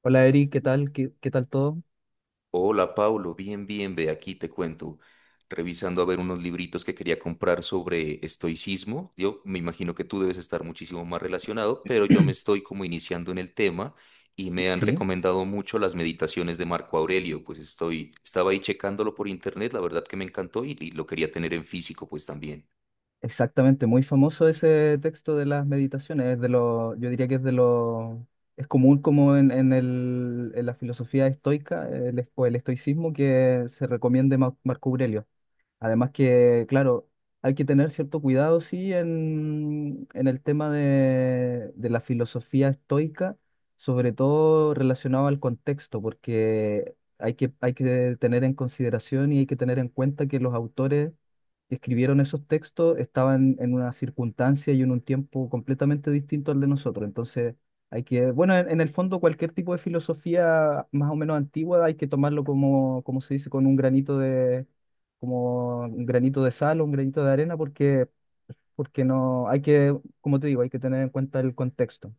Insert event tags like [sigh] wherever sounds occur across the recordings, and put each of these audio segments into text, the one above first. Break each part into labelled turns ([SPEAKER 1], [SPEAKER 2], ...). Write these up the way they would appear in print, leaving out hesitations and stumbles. [SPEAKER 1] Hola, Eric, ¿qué tal? ¿Qué tal todo?
[SPEAKER 2] Hola, Paulo, bien, bien, ve aquí, te cuento. Revisando a ver unos libritos que quería comprar sobre estoicismo. Yo me imagino que tú debes estar muchísimo más relacionado, pero yo me estoy como iniciando en el tema y me han
[SPEAKER 1] Sí,
[SPEAKER 2] recomendado mucho las meditaciones de Marco Aurelio. Pues estaba ahí checándolo por internet, la verdad que me encantó y lo quería tener en físico, pues también.
[SPEAKER 1] exactamente, muy famoso ese texto de las meditaciones. Yo diría que es de lo, es común como en la filosofía estoica, el, es- o el estoicismo, que se recomiende Marco Aurelio. Además que, claro, hay que tener cierto cuidado, sí, en, el tema de la filosofía estoica, sobre todo relacionado al contexto, porque hay que tener en consideración y hay que tener en cuenta que los autores que escribieron esos textos estaban en una circunstancia y en un tiempo completamente distinto al de nosotros. Entonces, bueno, en el fondo, cualquier tipo de filosofía más o menos antigua hay que tomarlo, como se dice, con un granito de, sal o un granito de arena, porque no, hay que, como te digo, hay que tener en cuenta el contexto.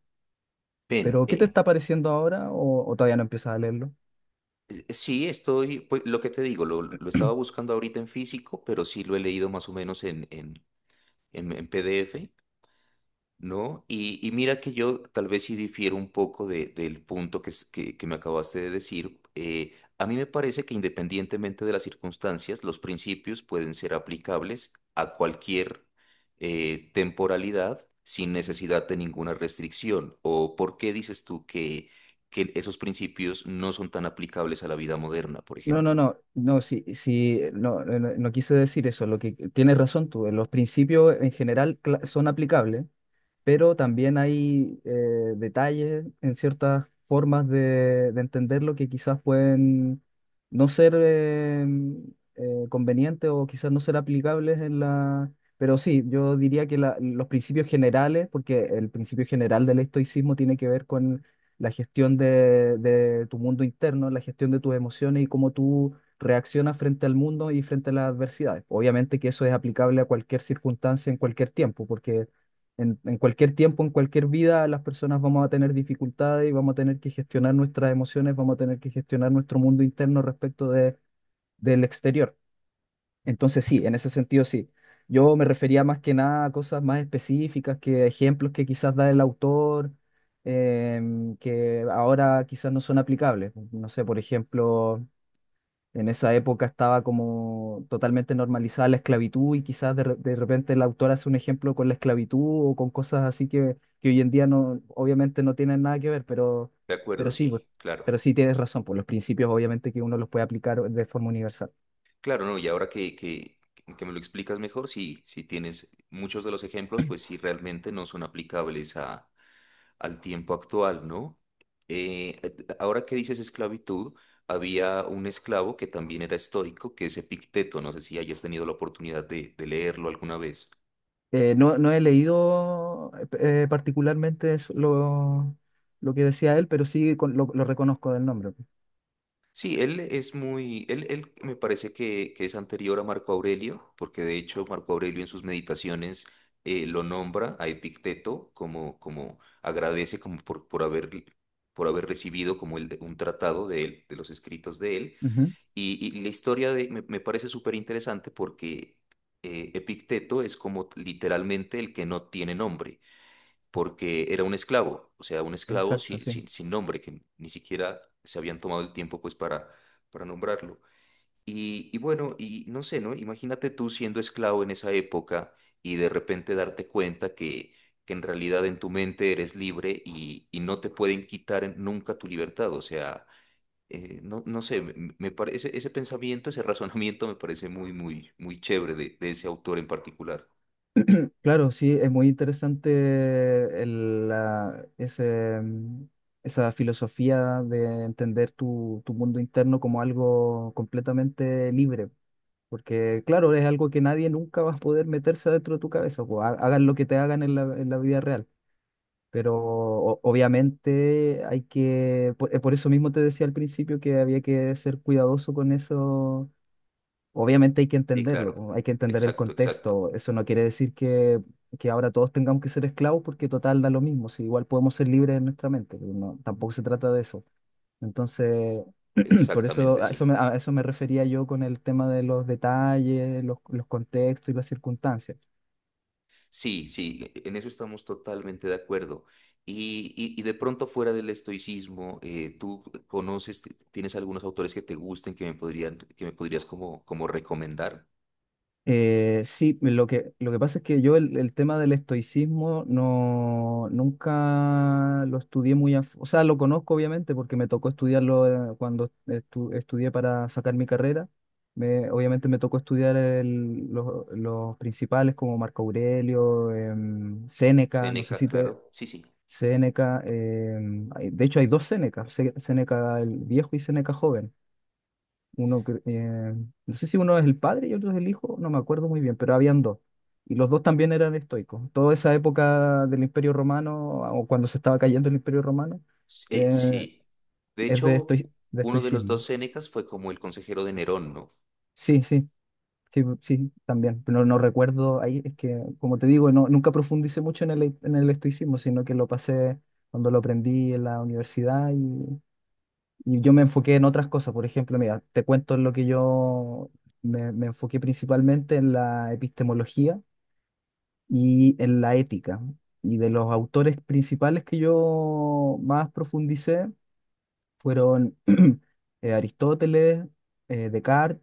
[SPEAKER 2] Ven,
[SPEAKER 1] Pero ¿qué te está pareciendo ahora, o todavía no empiezas a leerlo?
[SPEAKER 2] sí, estoy, pues lo que te digo, lo estaba buscando ahorita en físico, pero sí lo he leído más o menos en PDF. ¿No? Y mira que yo tal vez sí difiero un poco del punto que, que me acabaste de decir. A mí me parece que independientemente de las circunstancias, los principios pueden ser aplicables a cualquier temporalidad sin necesidad de ninguna restricción. ¿O por qué dices tú que esos principios no son tan aplicables a la vida moderna, por
[SPEAKER 1] No, no,
[SPEAKER 2] ejemplo?
[SPEAKER 1] no, no, sí, sí, no, no, no quise decir eso. Lo que tienes razón tú, los principios en general son aplicables, pero también hay, detalles en ciertas formas de entenderlo que quizás pueden no ser, convenientes, o quizás no ser aplicables en la. Pero sí, yo diría que los principios generales, porque el principio general del estoicismo tiene que ver con la gestión de tu mundo interno, la gestión de tus emociones y cómo tú reaccionas frente al mundo y frente a las adversidades. Obviamente que eso es aplicable a cualquier circunstancia en cualquier tiempo, porque en cualquier tiempo, en cualquier vida, las personas vamos a tener dificultades y vamos a tener que gestionar nuestras emociones, vamos a tener que gestionar nuestro mundo interno respecto del exterior. Entonces, sí, en ese sentido, sí. Yo me refería más que nada a cosas más específicas, que ejemplos que quizás da el autor, que ahora quizás no son aplicables. No sé, por ejemplo, en esa época estaba como totalmente normalizada la esclavitud, y quizás de repente el autor hace un ejemplo con la esclavitud o con cosas así, que hoy en día, no, obviamente no tienen nada que ver, pero,
[SPEAKER 2] De acuerdo,
[SPEAKER 1] pero sí, pues,
[SPEAKER 2] sí,
[SPEAKER 1] pero
[SPEAKER 2] claro.
[SPEAKER 1] sí tienes razón, por los principios, obviamente que uno los puede aplicar de forma universal.
[SPEAKER 2] Claro, no, y ahora que me lo explicas mejor, sí, si tienes muchos de los ejemplos, pues sí realmente no son aplicables al tiempo actual, ¿no? Ahora que dices esclavitud, había un esclavo que también era estoico, que es Epicteto, no sé si hayas tenido la oportunidad de leerlo alguna vez.
[SPEAKER 1] No, no he leído, particularmente lo que decía él, pero sí, lo reconozco del nombre.
[SPEAKER 2] Sí, él me parece que es anterior a Marco Aurelio, porque de hecho Marco Aurelio en sus meditaciones lo nombra a Epicteto como, como agradece como por haber recibido como un tratado de él, de los escritos de él.
[SPEAKER 1] Ujú.
[SPEAKER 2] Y la historia me parece súper interesante porque Epicteto es como literalmente el que no tiene nombre porque era un esclavo, o sea, un esclavo
[SPEAKER 1] Exacto, sí.
[SPEAKER 2] sin nombre, que ni siquiera se habían tomado el tiempo pues para nombrarlo. Y bueno, y no sé, ¿no? Imagínate tú siendo esclavo en esa época y de repente darte cuenta que en realidad en tu mente eres libre y no te pueden quitar nunca tu libertad, o sea, no sé, me parece, ese pensamiento, ese [laughs] razonamiento me parece muy, muy, muy chévere de ese autor en particular.
[SPEAKER 1] Claro, sí, es muy interesante esa filosofía de entender tu mundo interno como algo completamente libre, porque claro, es algo que nadie nunca va a poder meterse adentro de tu cabeza, o, hagan lo que te hagan en la, vida real, pero obviamente por eso mismo te decía al principio que había que ser cuidadoso con eso. Obviamente hay que
[SPEAKER 2] Sí,
[SPEAKER 1] entenderlo,
[SPEAKER 2] claro,
[SPEAKER 1] po, hay que entender el
[SPEAKER 2] exacto, exacto,
[SPEAKER 1] contexto. Eso no quiere decir que ahora todos tengamos que ser esclavos porque total da lo mismo, si igual podemos ser libres en nuestra mente. No, tampoco se trata de eso. Entonces, [clears throat] por eso,
[SPEAKER 2] exactamente,
[SPEAKER 1] a eso
[SPEAKER 2] sí.
[SPEAKER 1] me, a eso me refería yo, con el tema de los detalles, los contextos y las circunstancias.
[SPEAKER 2] Sí, sí, en eso estamos totalmente de acuerdo. Y de pronto fuera del estoicismo, ¿tú tienes algunos autores que te gusten, que me podrías como, como recomendar?
[SPEAKER 1] Sí, lo que pasa es que yo el tema del estoicismo, no, nunca lo estudié muy, o sea, lo conozco obviamente porque me tocó estudiarlo, cuando estudié para sacar mi carrera. Obviamente me tocó estudiar los principales, como Marco Aurelio, Séneca, no sé
[SPEAKER 2] Séneca,
[SPEAKER 1] si te.
[SPEAKER 2] claro. Sí, sí.
[SPEAKER 1] Séneca, de hecho hay dos Sénecas: Séneca el viejo y Séneca joven. uno, cre- eh, no sé si uno es el padre y otro es el hijo, no me acuerdo muy bien, pero habían dos. Y los dos también eran estoicos. Toda esa época del Imperio Romano, o cuando se estaba cayendo el Imperio Romano, eh,
[SPEAKER 2] Sí. De
[SPEAKER 1] es
[SPEAKER 2] hecho,
[SPEAKER 1] de
[SPEAKER 2] uno de los dos
[SPEAKER 1] estoicismo.
[SPEAKER 2] Sénecas fue como el consejero de Nerón, ¿no?
[SPEAKER 1] Sí, sí, sí, sí, también. Pero no recuerdo ahí, es que, como te digo, no, nunca profundicé mucho en el, estoicismo, sino que lo pasé cuando lo aprendí en la universidad. Y yo me enfoqué en otras cosas. Por ejemplo, mira, te cuento en lo que yo me enfoqué principalmente, en la epistemología y en la ética. Y de los autores principales que yo más profundicé fueron [clears throat] Aristóteles, Descartes,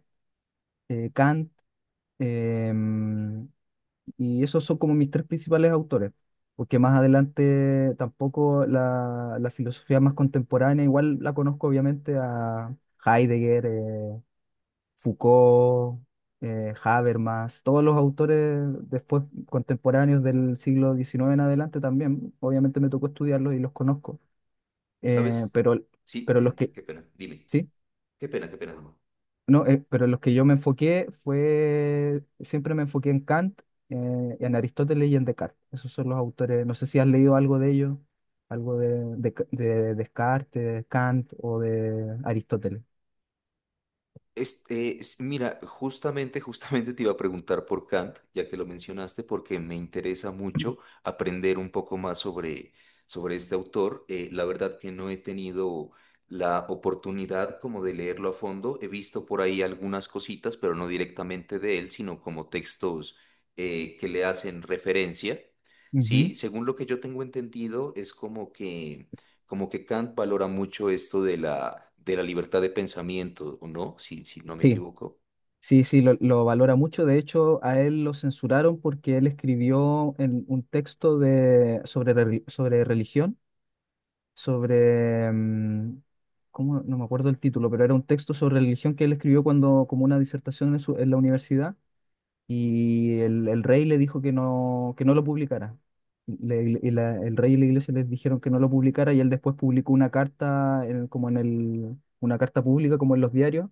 [SPEAKER 1] Kant, em, y esos son como mis tres principales autores, porque, más adelante, tampoco, la filosofía más contemporánea, igual la conozco, obviamente, a Heidegger, Foucault, Habermas, todos los autores después contemporáneos del siglo XIX en adelante. También, obviamente, me tocó estudiarlos y los conozco,
[SPEAKER 2] ¿Sabes?
[SPEAKER 1] pero,
[SPEAKER 2] Sí,
[SPEAKER 1] pero los que,
[SPEAKER 2] qué pena. Dime.
[SPEAKER 1] sí,
[SPEAKER 2] Qué pena, qué pena. Dime.
[SPEAKER 1] no, pero los que yo me enfoqué, siempre me enfoqué en Kant, en Aristóteles y en Descartes. Esos son los autores, no sé si has leído algo de ellos, algo de Descartes, Kant o de Aristóteles.
[SPEAKER 2] Mira, justamente, justamente te iba a preguntar por Kant, ya que lo mencionaste, porque me interesa mucho aprender un poco más sobre este autor. La verdad que no he tenido la oportunidad como de leerlo a fondo. He visto por ahí algunas cositas, pero no directamente de él, sino como textos que le hacen referencia.
[SPEAKER 1] Ujú.
[SPEAKER 2] Sí, según lo que yo tengo entendido, es como que Kant valora mucho esto de la libertad de pensamiento, ¿o no? Si no me
[SPEAKER 1] Sí,
[SPEAKER 2] equivoco.
[SPEAKER 1] sí, sí, lo valora mucho. De hecho, a él lo censuraron porque él escribió en un texto, sobre religión, sobre, mm, ¿cómo? No me acuerdo el título, pero era un texto sobre religión que él escribió cuando, como una disertación, en la universidad, y el rey le dijo que no lo publicara. El rey y la iglesia les dijeron que no lo publicara, y él después publicó una carta, una carta pública, como en los diarios,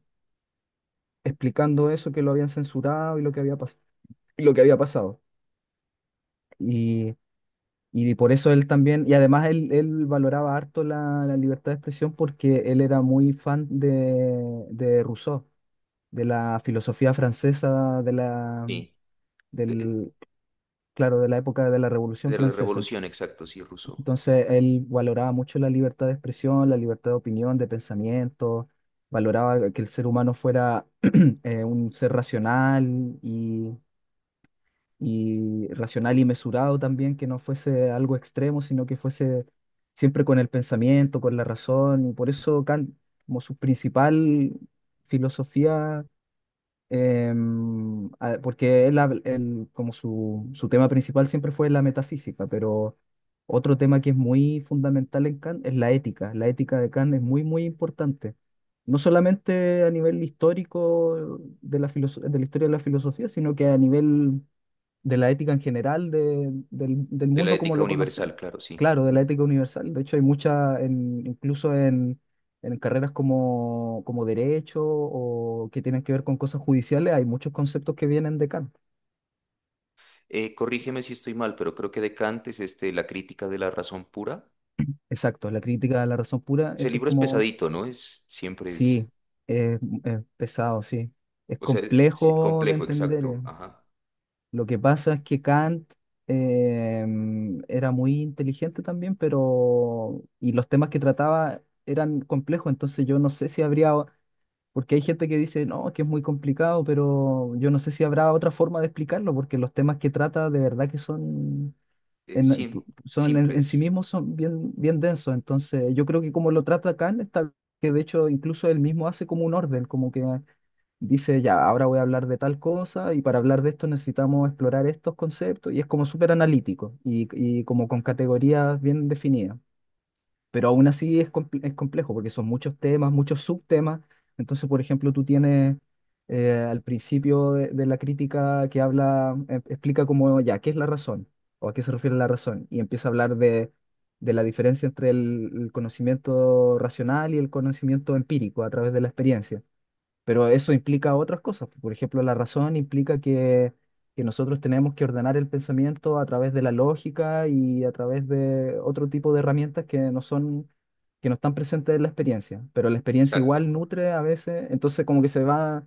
[SPEAKER 1] explicando eso, que lo habían censurado y lo que había pasado. Y, y por eso él también, y además, él valoraba harto la, la libertad de expresión, porque él era muy fan de Rousseau, de la filosofía francesa,
[SPEAKER 2] Sí. De,
[SPEAKER 1] del, claro, de la época de la Revolución
[SPEAKER 2] de la
[SPEAKER 1] Francesa.
[SPEAKER 2] revolución, exacto, sí, Rousseau.
[SPEAKER 1] Entonces él valoraba mucho la libertad de expresión, la libertad de opinión, de pensamiento, valoraba que el ser humano fuera [clears throat] un ser racional y mesurado también, que no fuese algo extremo, sino que fuese siempre con el pensamiento, con la razón, y por eso Kant, como su principal filosofía, porque él, como su tema principal siempre fue la metafísica, pero otro tema que es muy fundamental en Kant es la ética. La ética de Kant es muy, muy importante. No solamente a nivel histórico de la historia de la filosofía, sino que a nivel de la ética en general, del
[SPEAKER 2] De la
[SPEAKER 1] mundo como
[SPEAKER 2] ética
[SPEAKER 1] lo conocemos.
[SPEAKER 2] universal, claro, sí.
[SPEAKER 1] Claro, de la ética universal. De hecho, hay mucha, incluso en carreras como derecho, o que tienen que ver con cosas judiciales, hay muchos conceptos que vienen de Kant.
[SPEAKER 2] Corrígeme si estoy mal, pero creo que de Kant es este, La crítica de la razón pura.
[SPEAKER 1] Exacto, la crítica de la razón pura,
[SPEAKER 2] Ese
[SPEAKER 1] ese es
[SPEAKER 2] libro es
[SPEAKER 1] como,
[SPEAKER 2] pesadito, ¿no? Es, siempre es,
[SPEAKER 1] sí, es pesado, sí. Es
[SPEAKER 2] o sea, sí,
[SPEAKER 1] complejo de
[SPEAKER 2] complejo,
[SPEAKER 1] entender.
[SPEAKER 2] exacto, ajá.
[SPEAKER 1] Lo que pasa es que Kant, eh, era muy inteligente también, pero. Y los temas que trataba eran complejos, entonces yo no sé si habría. Porque hay gente que dice, no, que es muy complicado, pero yo no sé si habrá otra forma de explicarlo, porque los temas que trata de verdad que son.
[SPEAKER 2] Eh,
[SPEAKER 1] En,
[SPEAKER 2] sim-
[SPEAKER 1] Son en sí
[SPEAKER 2] Simples,
[SPEAKER 1] mismos son bien, bien densos, entonces yo creo que como lo trata Kant, está, que de hecho incluso él mismo hace como un orden, como que dice, ya, ahora voy a hablar de tal cosa, y para hablar de esto necesitamos explorar estos conceptos, y es como súper analítico y como con categorías bien definidas. Pero aún así es complejo, porque son muchos temas, muchos subtemas. Entonces, por ejemplo, tú tienes, al principio de la crítica, que habla, explica como, ya, ¿qué es la razón? ¿O a qué se refiere la razón? Y empieza a hablar de la diferencia entre el conocimiento racional y el conocimiento empírico a través de la experiencia. Pero eso implica otras cosas. Por ejemplo, la razón implica que nosotros tenemos que ordenar el pensamiento a través de la lógica y a través de otro tipo de herramientas que no son, que no están presentes en la experiencia. Pero la experiencia
[SPEAKER 2] exacto.
[SPEAKER 1] igual nutre a veces, entonces como que se va,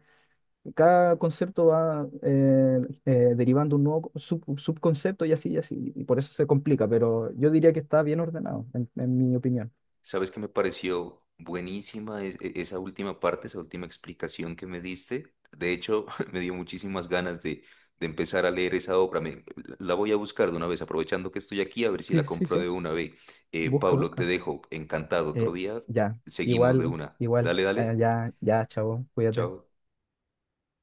[SPEAKER 1] cada concepto va, derivando un nuevo subconcepto, y así y así. Y por eso se complica, pero yo diría que está bien ordenado, en, mi opinión.
[SPEAKER 2] ¿Sabes que me pareció buenísima esa última parte, esa última explicación que me diste? De hecho, [laughs] me dio muchísimas ganas de empezar a leer esa obra. La voy a buscar de una vez, aprovechando que estoy aquí, a ver si
[SPEAKER 1] Sí,
[SPEAKER 2] la
[SPEAKER 1] sí,
[SPEAKER 2] compro
[SPEAKER 1] sí.
[SPEAKER 2] de una vez.
[SPEAKER 1] Busca,
[SPEAKER 2] Pablo, te
[SPEAKER 1] busca.
[SPEAKER 2] dejo, encantado. Otro
[SPEAKER 1] Eh,
[SPEAKER 2] día
[SPEAKER 1] ya,
[SPEAKER 2] seguimos de
[SPEAKER 1] igual,
[SPEAKER 2] una.
[SPEAKER 1] igual,
[SPEAKER 2] Dale, dale.
[SPEAKER 1] ya, ya, chavo, cuídate.
[SPEAKER 2] Chao.